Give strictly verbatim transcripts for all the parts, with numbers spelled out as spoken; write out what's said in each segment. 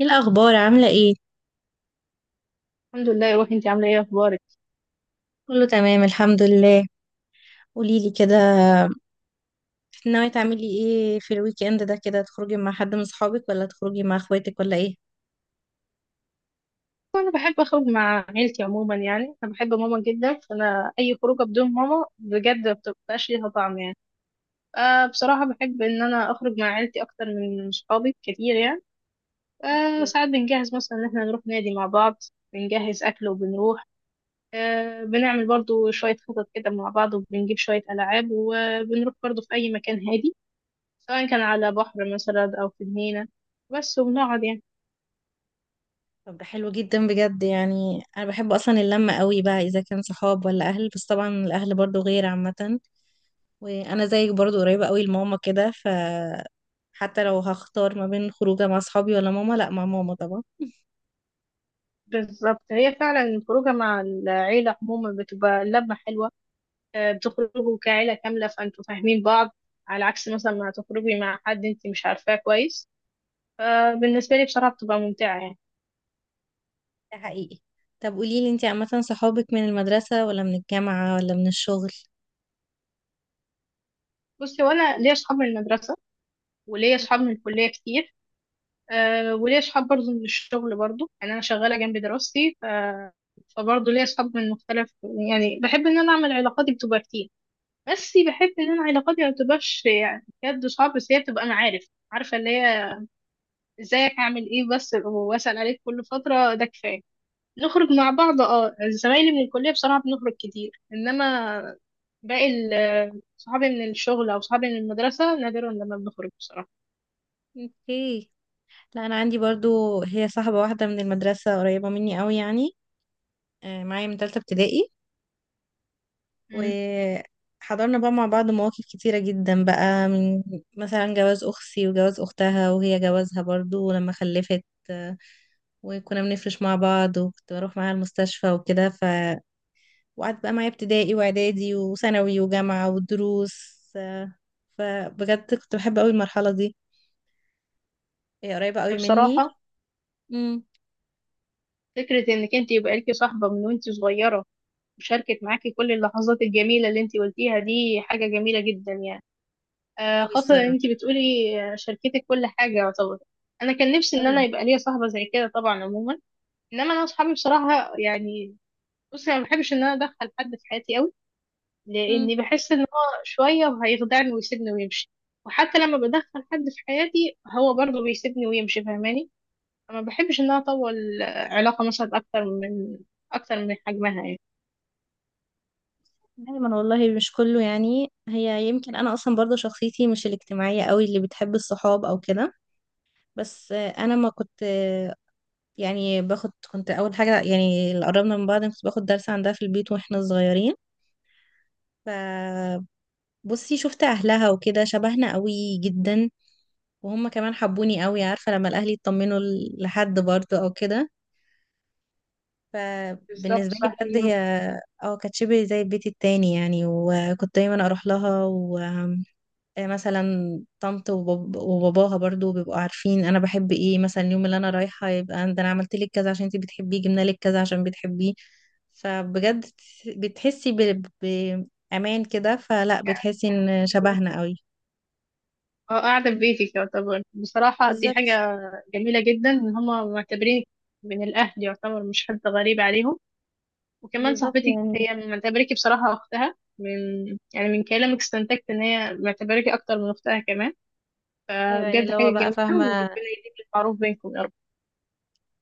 ايه الاخبار؟ عامله ايه؟ الحمد لله يا روحي، انت عامله ايه؟ اخبارك؟ كله تمام، الحمد لله. قوليلي كده. ناويه تعملي ايه في الويك اند ده كده، تخرجي مع حد من صحابك ولا تخرجي مع اخواتك ولا ايه؟ انا بحب اخرج مع عيلتي عموما، يعني انا بحب ماما جدا، فانا اي خروجه بدون ماما بجد ما بتبقاش ليها طعم يعني. أه بصراحه بحب ان انا اخرج مع عيلتي اكتر من صحابي كتير يعني. أه إيه. ساعات بنجهز مثلا ان احنا نروح نادي مع بعض. بنجهز اكل وبنروح. أه بنعمل برضو شويه خطط كده مع بعض، وبنجيب شويه العاب وبنروح برضو في اي مكان هادي، سواء كان على بحر مثلا او في جنينه. بس وبنقعد يعني. طب ده حلو جدا بجد، يعني انا بحب اصلا اللمه قوي بقى، اذا كان صحاب ولا اهل، بس طبعا الاهل برضو غير عامه. وانا زيك برضو قريبه قوي لماما كده ف حتى لو هختار ما بين خروجه مع صحابي ولا ماما، لا، مع ماما طبعا. بالظبط، هي فعلا الخروجة مع العيلة عموما بتبقى لمة حلوة. آه، بتخرجوا كعيلة كاملة، فانتوا فاهمين بعض، على عكس مثلا ما تخرجي مع حد انت مش عارفاه كويس. فبالنسبة لي بصراحة بتبقى ممتعة يعني. ده حقيقي. طب قوليلي انتي، عامه صحابك من المدرسه ولا من الجامعه ولا من الشغل؟ بصي، وانا ليا اصحاب من المدرسة، وليا اصحاب من الكلية كتير. آه، وليا اصحاب برضه من الشغل، برضه يعني انا شغالة جنب دراستي ف... فبرضه ليا اصحاب من مختلف. يعني بحب ان انا اعمل علاقاتي بتبقى كتير، بس بحب ان انا علاقاتي ما بتبقاش يعني بجد صعب، بس هي بتبقى معارف، عارفة اللي هي ازيك عامل ايه، بس واسأل عليك كل فترة، ده كفاية. نخرج مع بعض، اه زمايلي من الكلية بصراحة بنخرج كتير، انما باقي ال- صحابي من الشغل او صحابي من المدرسة نادرا لما بنخرج بصراحة. اوكي. لا، انا عندي برضو هي صاحبة واحدة من المدرسة، قريبة مني قوي يعني. آه، معايا من تالتة ابتدائي. مم. وحضرنا بقى مع بعض مواقف كتيرة جدا، بقى من مثلا جواز اختي وجواز اختها، وهي جوازها برضو ولما خلفت. آه، وكنا بنفرش مع بعض، وكنت بروح معاها المستشفى وكده ف وقعدت بقى معايا ابتدائي واعدادي وثانوي وجامعة والدروس. آه، فبجد كنت بحب قوي المرحلة دي. هي قريبة قوي مني. بصراحة امم. فكرة انك انت يبقى ليكي صاحبة من وانت صغيرة، وشاركت معاكي كل اللحظات الجميلة اللي انت قلتيها، دي حاجة جميلة جدا يعني. آه قوي خاصة ان الصراحة انت بتقولي آه، شاركتك كل حاجة يعتبر. انا كان نفسي ان قوي. انا يبقى ليا صاحبة زي كده طبعا عموما، انما انا اصحابي بصراحة يعني. بصي، انا ما بحبش ان انا ادخل حد في حياتي قوي، لاني بحس ان هو شويه هيخدعني ويسيبني ويمشي، وحتى لما بدخل حد في حياتي هو برضه بيسيبني ويمشي فاهماني. ما بحبش ان انا اطول علاقه مثلا اكتر من اكتر من حجمها يعني. دايما والله، مش كله يعني، هي يمكن انا اصلا برضه شخصيتي مش الاجتماعيه قوي اللي بتحب الصحاب او كده. بس آه، انا ما كنت، آه، يعني باخد، كنت اول حاجه يعني، اللي قربنا من بعض كنت باخد درس عندها في البيت واحنا صغيرين. فبصي، شفت اهلها وكده شبهنا قوي جدا. وهم كمان حبوني قوي، عارفه لما الاهل يطمنوا ل- لحد برضه او كده. بالظبط فبالنسبه لي صح بجد يعني. هي اه كانت شبه زي البيت التاني يعني، وكنت دايما اروح لها. آه، مثلا طنط وباب- وباباها برضو بيبقوا عارفين انا بحب ايه، مثلا اليوم اللي انا رايحه يبقى ده انا عملت لك كذا عشان انت بتحبيه، جبنا لك كذا عشان بتحبيه. فبجد بتحسي ب- بامان كده، فلا بتحسي ان شبهنا قوي. اه قاعده في بيتي يعتبر، بصراحه دي حاجه بالظبط. جميله جدا ان هما معتبرين من الاهل يعتبر، مش حد غريب عليهم. وكمان بالظبط صاحبتي يعني. هي معتبراكي بصراحة أختها، من يعني من كلامك استنتجت إن هي معتبراكي أكتر من أختها كمان. ايوه يعني بجد اللي حاجة هو بقى جميلة، وربنا فاهمه. يديم المعروف بينكم يا رب.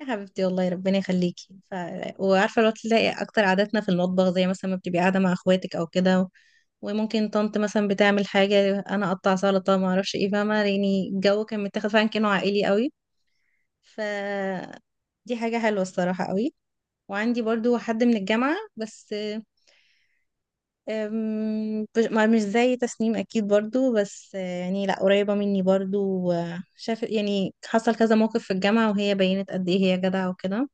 يا حبيبتي والله ربنا يخليكي ف... وعارفه لو تلاقي اكتر عاداتنا في المطبخ، زي مثلا ما بتبقي قاعده مع اخواتك او كده. وممكن طنط مثلا بتعمل حاجة، أنا أقطع سلطة، ما أعرفش إيه، فاهمة يعني الجو كان متاخد فعلا كأنه عائلي قوي ف دي حاجة حلوة الصراحة قوي. وعندي برضو حد من الجامعة بس. أم، مش ما- مش زي تسنيم أكيد برضو، بس آه، يعني لأ، قريبة مني برضو. شاف يعني حصل كذا موقف في الجامعة، وهي بينت قد إيه هي جدعة وكده.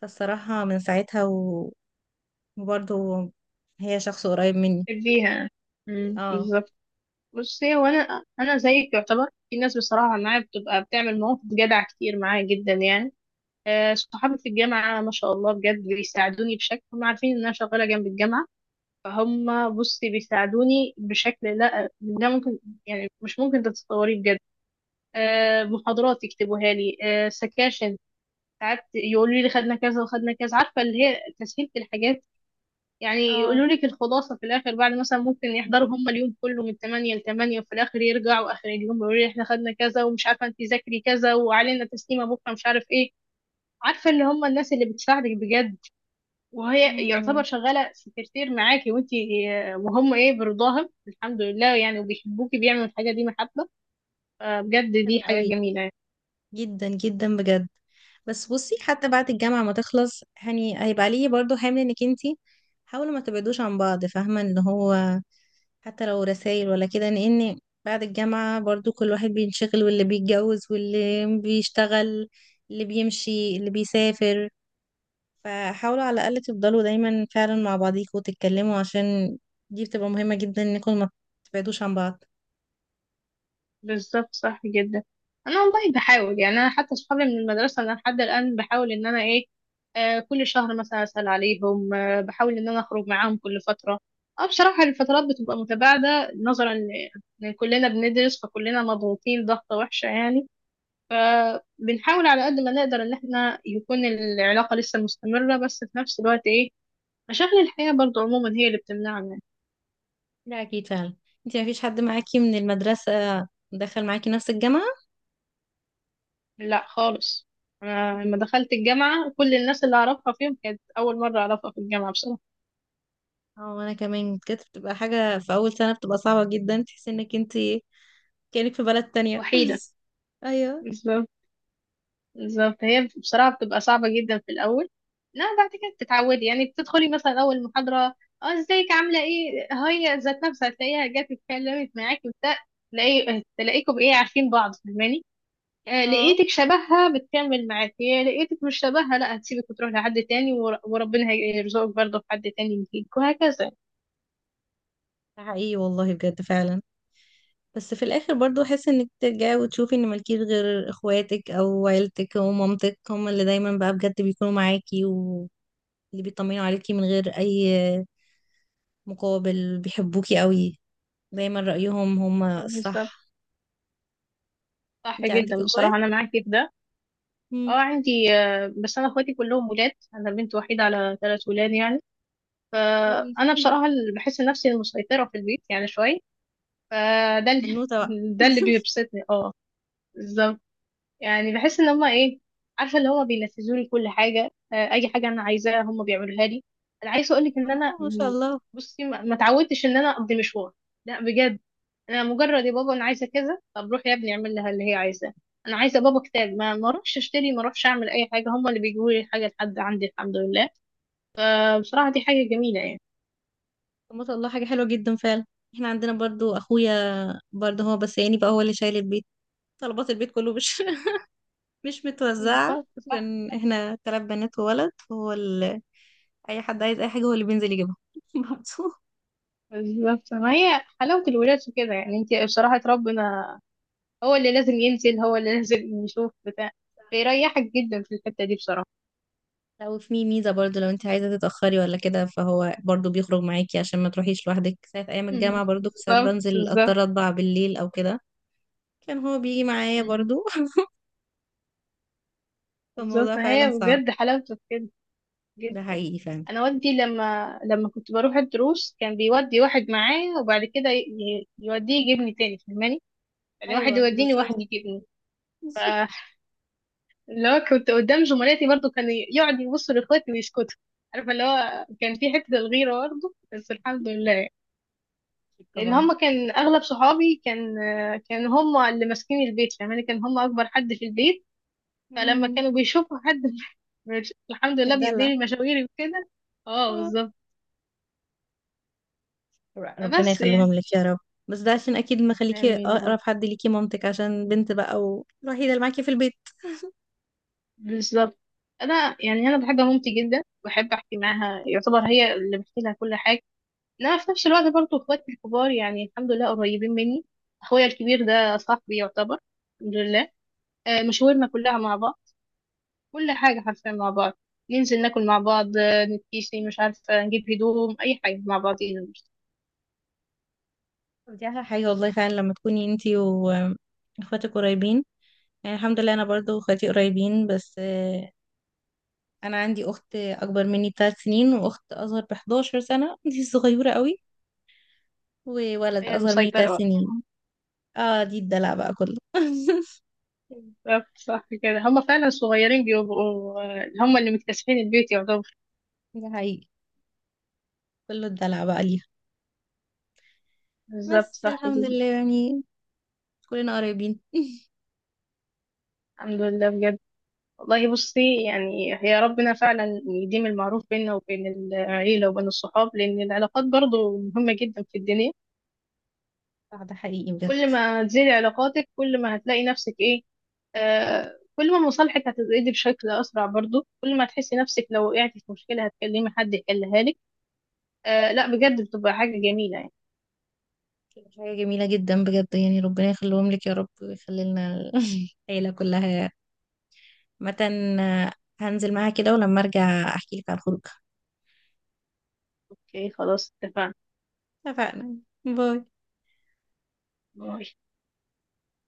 فالصراحة من ساعتها و- وبرضو هي شخص قريب مني. بيها. اه. بالظبط. بصي، وأنا أنا أنا زيك يعتبر، في ناس بصراحة معايا بتبقى بتعمل مواقف جدع كتير معايا جدا يعني. آه، صحابي في الجامعة ما شاء الله بجد بيساعدوني بشكل، هم عارفين إن أنا شغالة جنب الجامعة، فهم بصي بيساعدوني بشكل لا لا ممكن، يعني مش ممكن تتصوريه بجد. آه، محاضرات يكتبوها لي، آه، سكاشن ساعات يقولوا لي خدنا كذا وخدنا كذا، عارفة اللي هي تسهيل في الحاجات. يعني اه. يقولوا لك الخلاصة في الآخر بعد مثلا، ممكن يحضروا هم اليوم كله من تمانية ل تمانية، وفي الآخر يرجعوا آخر اليوم يقولوا لي احنا خدنا كذا، ومش عارفة انت ذاكري كذا وعلينا تسليمة بكرة مش عارف ايه. عارفة اللي هم الناس اللي بتساعدك بجد. م- وهي يعتبر م. شغالة سكرتير معاكي وانتي، آه، وهم ايه برضاهم الحمد لله، يعني وبيحبوكي بيعملوا الحاجة دي محبة. فبجد حلو دي حاجة قوي. جميلة. جدا جدا بجد. بس بصي، حتى بعد الجامعة ما تخلص، يعني هيبقى ليه برضو حمل انك انتي حاولوا ما تبعدوش عن بعض، فاهمة اللي هو حتى لو رسائل ولا كده، لان بعد الجامعة برضو كل واحد بينشغل، واللي بيتجوز واللي بيشتغل، اللي بيمشي اللي بيسافر. فحاولوا على الأقل تفضلوا دايما فعلا مع بعضيكوا وتتكلموا، عشان دي بتبقى مهمة جدا انكم ما تبعدوش عن بعض. بالظبط صح جدا. انا والله بحاول، يعني انا حتى صحابي من المدرسه انا لحد الان بحاول ان انا ايه، آه كل شهر مثلا اسال عليهم، آه بحاول ان انا اخرج معاهم كل فتره. اه بصراحه الفترات بتبقى متباعده نظرا ل- ان كلنا بندرس، فكلنا مضغوطين ضغطه وحشه يعني. فبنحاول على قد ما نقدر ان احنا يكون العلاقه لسه مستمره، بس في نفس الوقت ايه، مشاغل الحياه برضو عموما هي اللي بتمنعنا. لا أكيد فعلا. انتي مفيش حد معاكي من المدرسة دخل معاكي نفس الجامعة؟ لا خالص. أنا لما دخلت الجامعة كل الناس اللي أعرفها فيهم كانت أول مرة أعرفها في الجامعة بصراحة. اه، وانا كمان كانت بتبقى حاجة في اول سنة، بتبقى صعبة جدا تحس انك انت كأنك في بلد تانية وحيدة. ايوه. بالظبط بالظبط، هي بصراحة بتبقى صعبة جدا في الأول. لا بعد كده بتتعودي، يعني بتدخلي مثلا أول محاضرة، اه ازيك عاملة ايه، هي ذات نفسها هتلاقيها جت اتكلمت معاكي وبتاع، تلاقي تلاقيكم ايه عارفين بعض فاهماني. آه اه، لقيتك شبهها بتكمل معاكي، لقيتك مش شبهها لا هتسيبك وتروح لحد تاني، ور- وربنا هيرزقك برضه في حد تاني يجيك وهكذا. ده حقيقي والله بجد فعلا. بس في الاخر برضو احس انك ترجعي وتشوفي ان مالكيش غير اخواتك او عيلتك او مامتك، هم اللي دايما بقى بجد بيكونوا معاكي، واللي بيطمنوا عليكي من غير اي مقابل، بيحبوكي قوي، دايما رأيهم هم بالظبط الصح. صح انت عندك جدا، اخوات؟ بصراحة أنا معاكي في ده. امم. اه عندي، آه، بس أنا اخواتي كلهم ولاد، أنا بنت وحيدة على ثلاث ولاد يعني. اوكي. فأنا بصراحة اللي بحس نفسي المسيطرة في البيت يعني شوية. فده اللي بنوتة بقى ده اللي بيبسطني اه بالظبط. يعني بحس إن هما إيه، عارفة اللي هما بينفذولي كل حاجة. آه، أي حاجة أنا عايزاها هما بيعملوها لي. أنا عايزة أقولك إن أنا والله ما شاء م، الله. بصي ما ما اتعودتش إن أنا أقضي مشوار، لا بجد. انا مجرد يا بابا انا عايزه كذا، طب روح يا ابني اعمل لها اللي هي عايزاه. انا عايزه بابا كتاب، ما ما اروحش اشتري، ما اروحش اعمل اي حاجه، هم اللي بيجيبوا لي الحاجه لحد عندي الحمد لله. فبصراحه دي حاجه جميله يعني. طب ما شاء الله، حاجة حلوة جدا فعلا. احنا عندنا برضو اخويا برضو، هو بس يعني بقى هو اللي شايل البيت، طلبات البيت كله مش مش متوزعة. بالظبط صح. عشان احنا تلات بنات وولد، هو ال... اي حد عايز اي حاجة هو اللي بينزل يجيبها برضو. بالظبط، ما هي حلاوه الولاد في كده يعني، انت بصراحه ربنا. هو اللي لازم ينزل، هو اللي لازم يشوف بتاع، فيريحك جدا في الحته دي بصراحه. لو في ميزة برضو، لو انت عايزة تتأخري ولا كده فهو برضو بيخرج معاكي عشان ما تروحيش لوحدك، ساعة ايام الجامعة مم. برضو كنت ساعات بالظبط بنزل بالظبط. اضطر اطبع بالليل او كده، كان هو بيجي معايا مم. برضو بالظبط، فالموضوع ما فعلا هي صعب. بجد حلاوته في كده. ده حقيقي فعلا. انا والدي لما لما كنت بروح الدروس كان بيودي واحد معاه، وبعد كده ي- ي- يوديه يجيبني تاني فاهماني، يعني واحد ايوه يوديني وواحد بالظبط يجيبني. اللي هو كنت قدام زملاتي برضو كان يقعد يبص لاخواتي ويسكتوا، عارفه اللي هو كان في حته الغيره برضو، بس الحمد لله. لان طبعا. هم كان اغلب صحابي كان، كان هم اللي ماسكين البيت فاهماني، كان هم اكبر حد في البيت. فلما امم. كانوا بيشوفوا حد مش- الحمد لله بيقضي بتدلع. لي مشاويري وكده. اه اه. بالظبط، ر- ربنا بس يعني. يخليهم لك يا رب. بس ده عشان اكيد مخليكي امين. اقرب حد ليكي مامتك، عشان بنت بقى والوحيده اللي معاكي في البيت. بالظبط. انا يعني انا بحب مامتي جدا، بحب احكي معاها، يعتبر هي اللي بحكي لها كل حاجه. لا في نفس الوقت برضو اخواتي الكبار يعني الحمد لله قريبين مني. اخويا الكبير ده صاحبي يعتبر، الحمد لله. آه، مشاورنا كلها مع بعض، كل حاجه حرفيا مع بعض. ننزل ناكل مع بعض، آه، نتكيسي مش عارفه، نجيب هدوم اي حاجه مع بعضينا مش- دي احلى حاجه والله فعلا لما تكوني انتي واخواتك قريبين. يعني الحمد لله انا برضو اخواتي قريبين بس آه، انا عندي اخت اكبر مني بثلاث سنين، واخت اصغر ب احد عشر سنه دي صغيره قوي. وولد هي اصغر مني ثلاث مسيطره. سنين اه، دي الدلع بقى كله بالظبط صح كده، هما فعلا صغيرين بيبقوا، آه، هما اللي مكتسحين البيت يعتبر. دي حقيقي. كله الدلع بقى ليها. بالظبط بس صح الحمد كده. لله يعني، كلنا قريبين الحمد لله بجد. والله بصي يعني، هي ربنا فعلا يديم المعروف بيننا وبين العيلة وبين الصحاب، لأن العلاقات برضو مهمة جدا في الدنيا. آه، ده حقيقي بجد. كل ما تزيد علاقاتك كل ما هتلاقي نفسك إيه، آه كل ما مصالحك هتزيد بشكل أسرع، برضو كل ما تحسي نفسك لو وقعتي في مشكلة هتكلمي حد يحلها لك. آه لا بجد بتبقى حاجة جميلة يعني. حاجة جميلة جدا بجد يعني، ربنا يخليهم لك يا رب، ويخلي لنا ال- العيلة كلها. مثلا، هنزل معاها كده ولما ارجع احكي لك عن الخروج. أوكي خلاص، اتفقنا. باي. اتفقنا.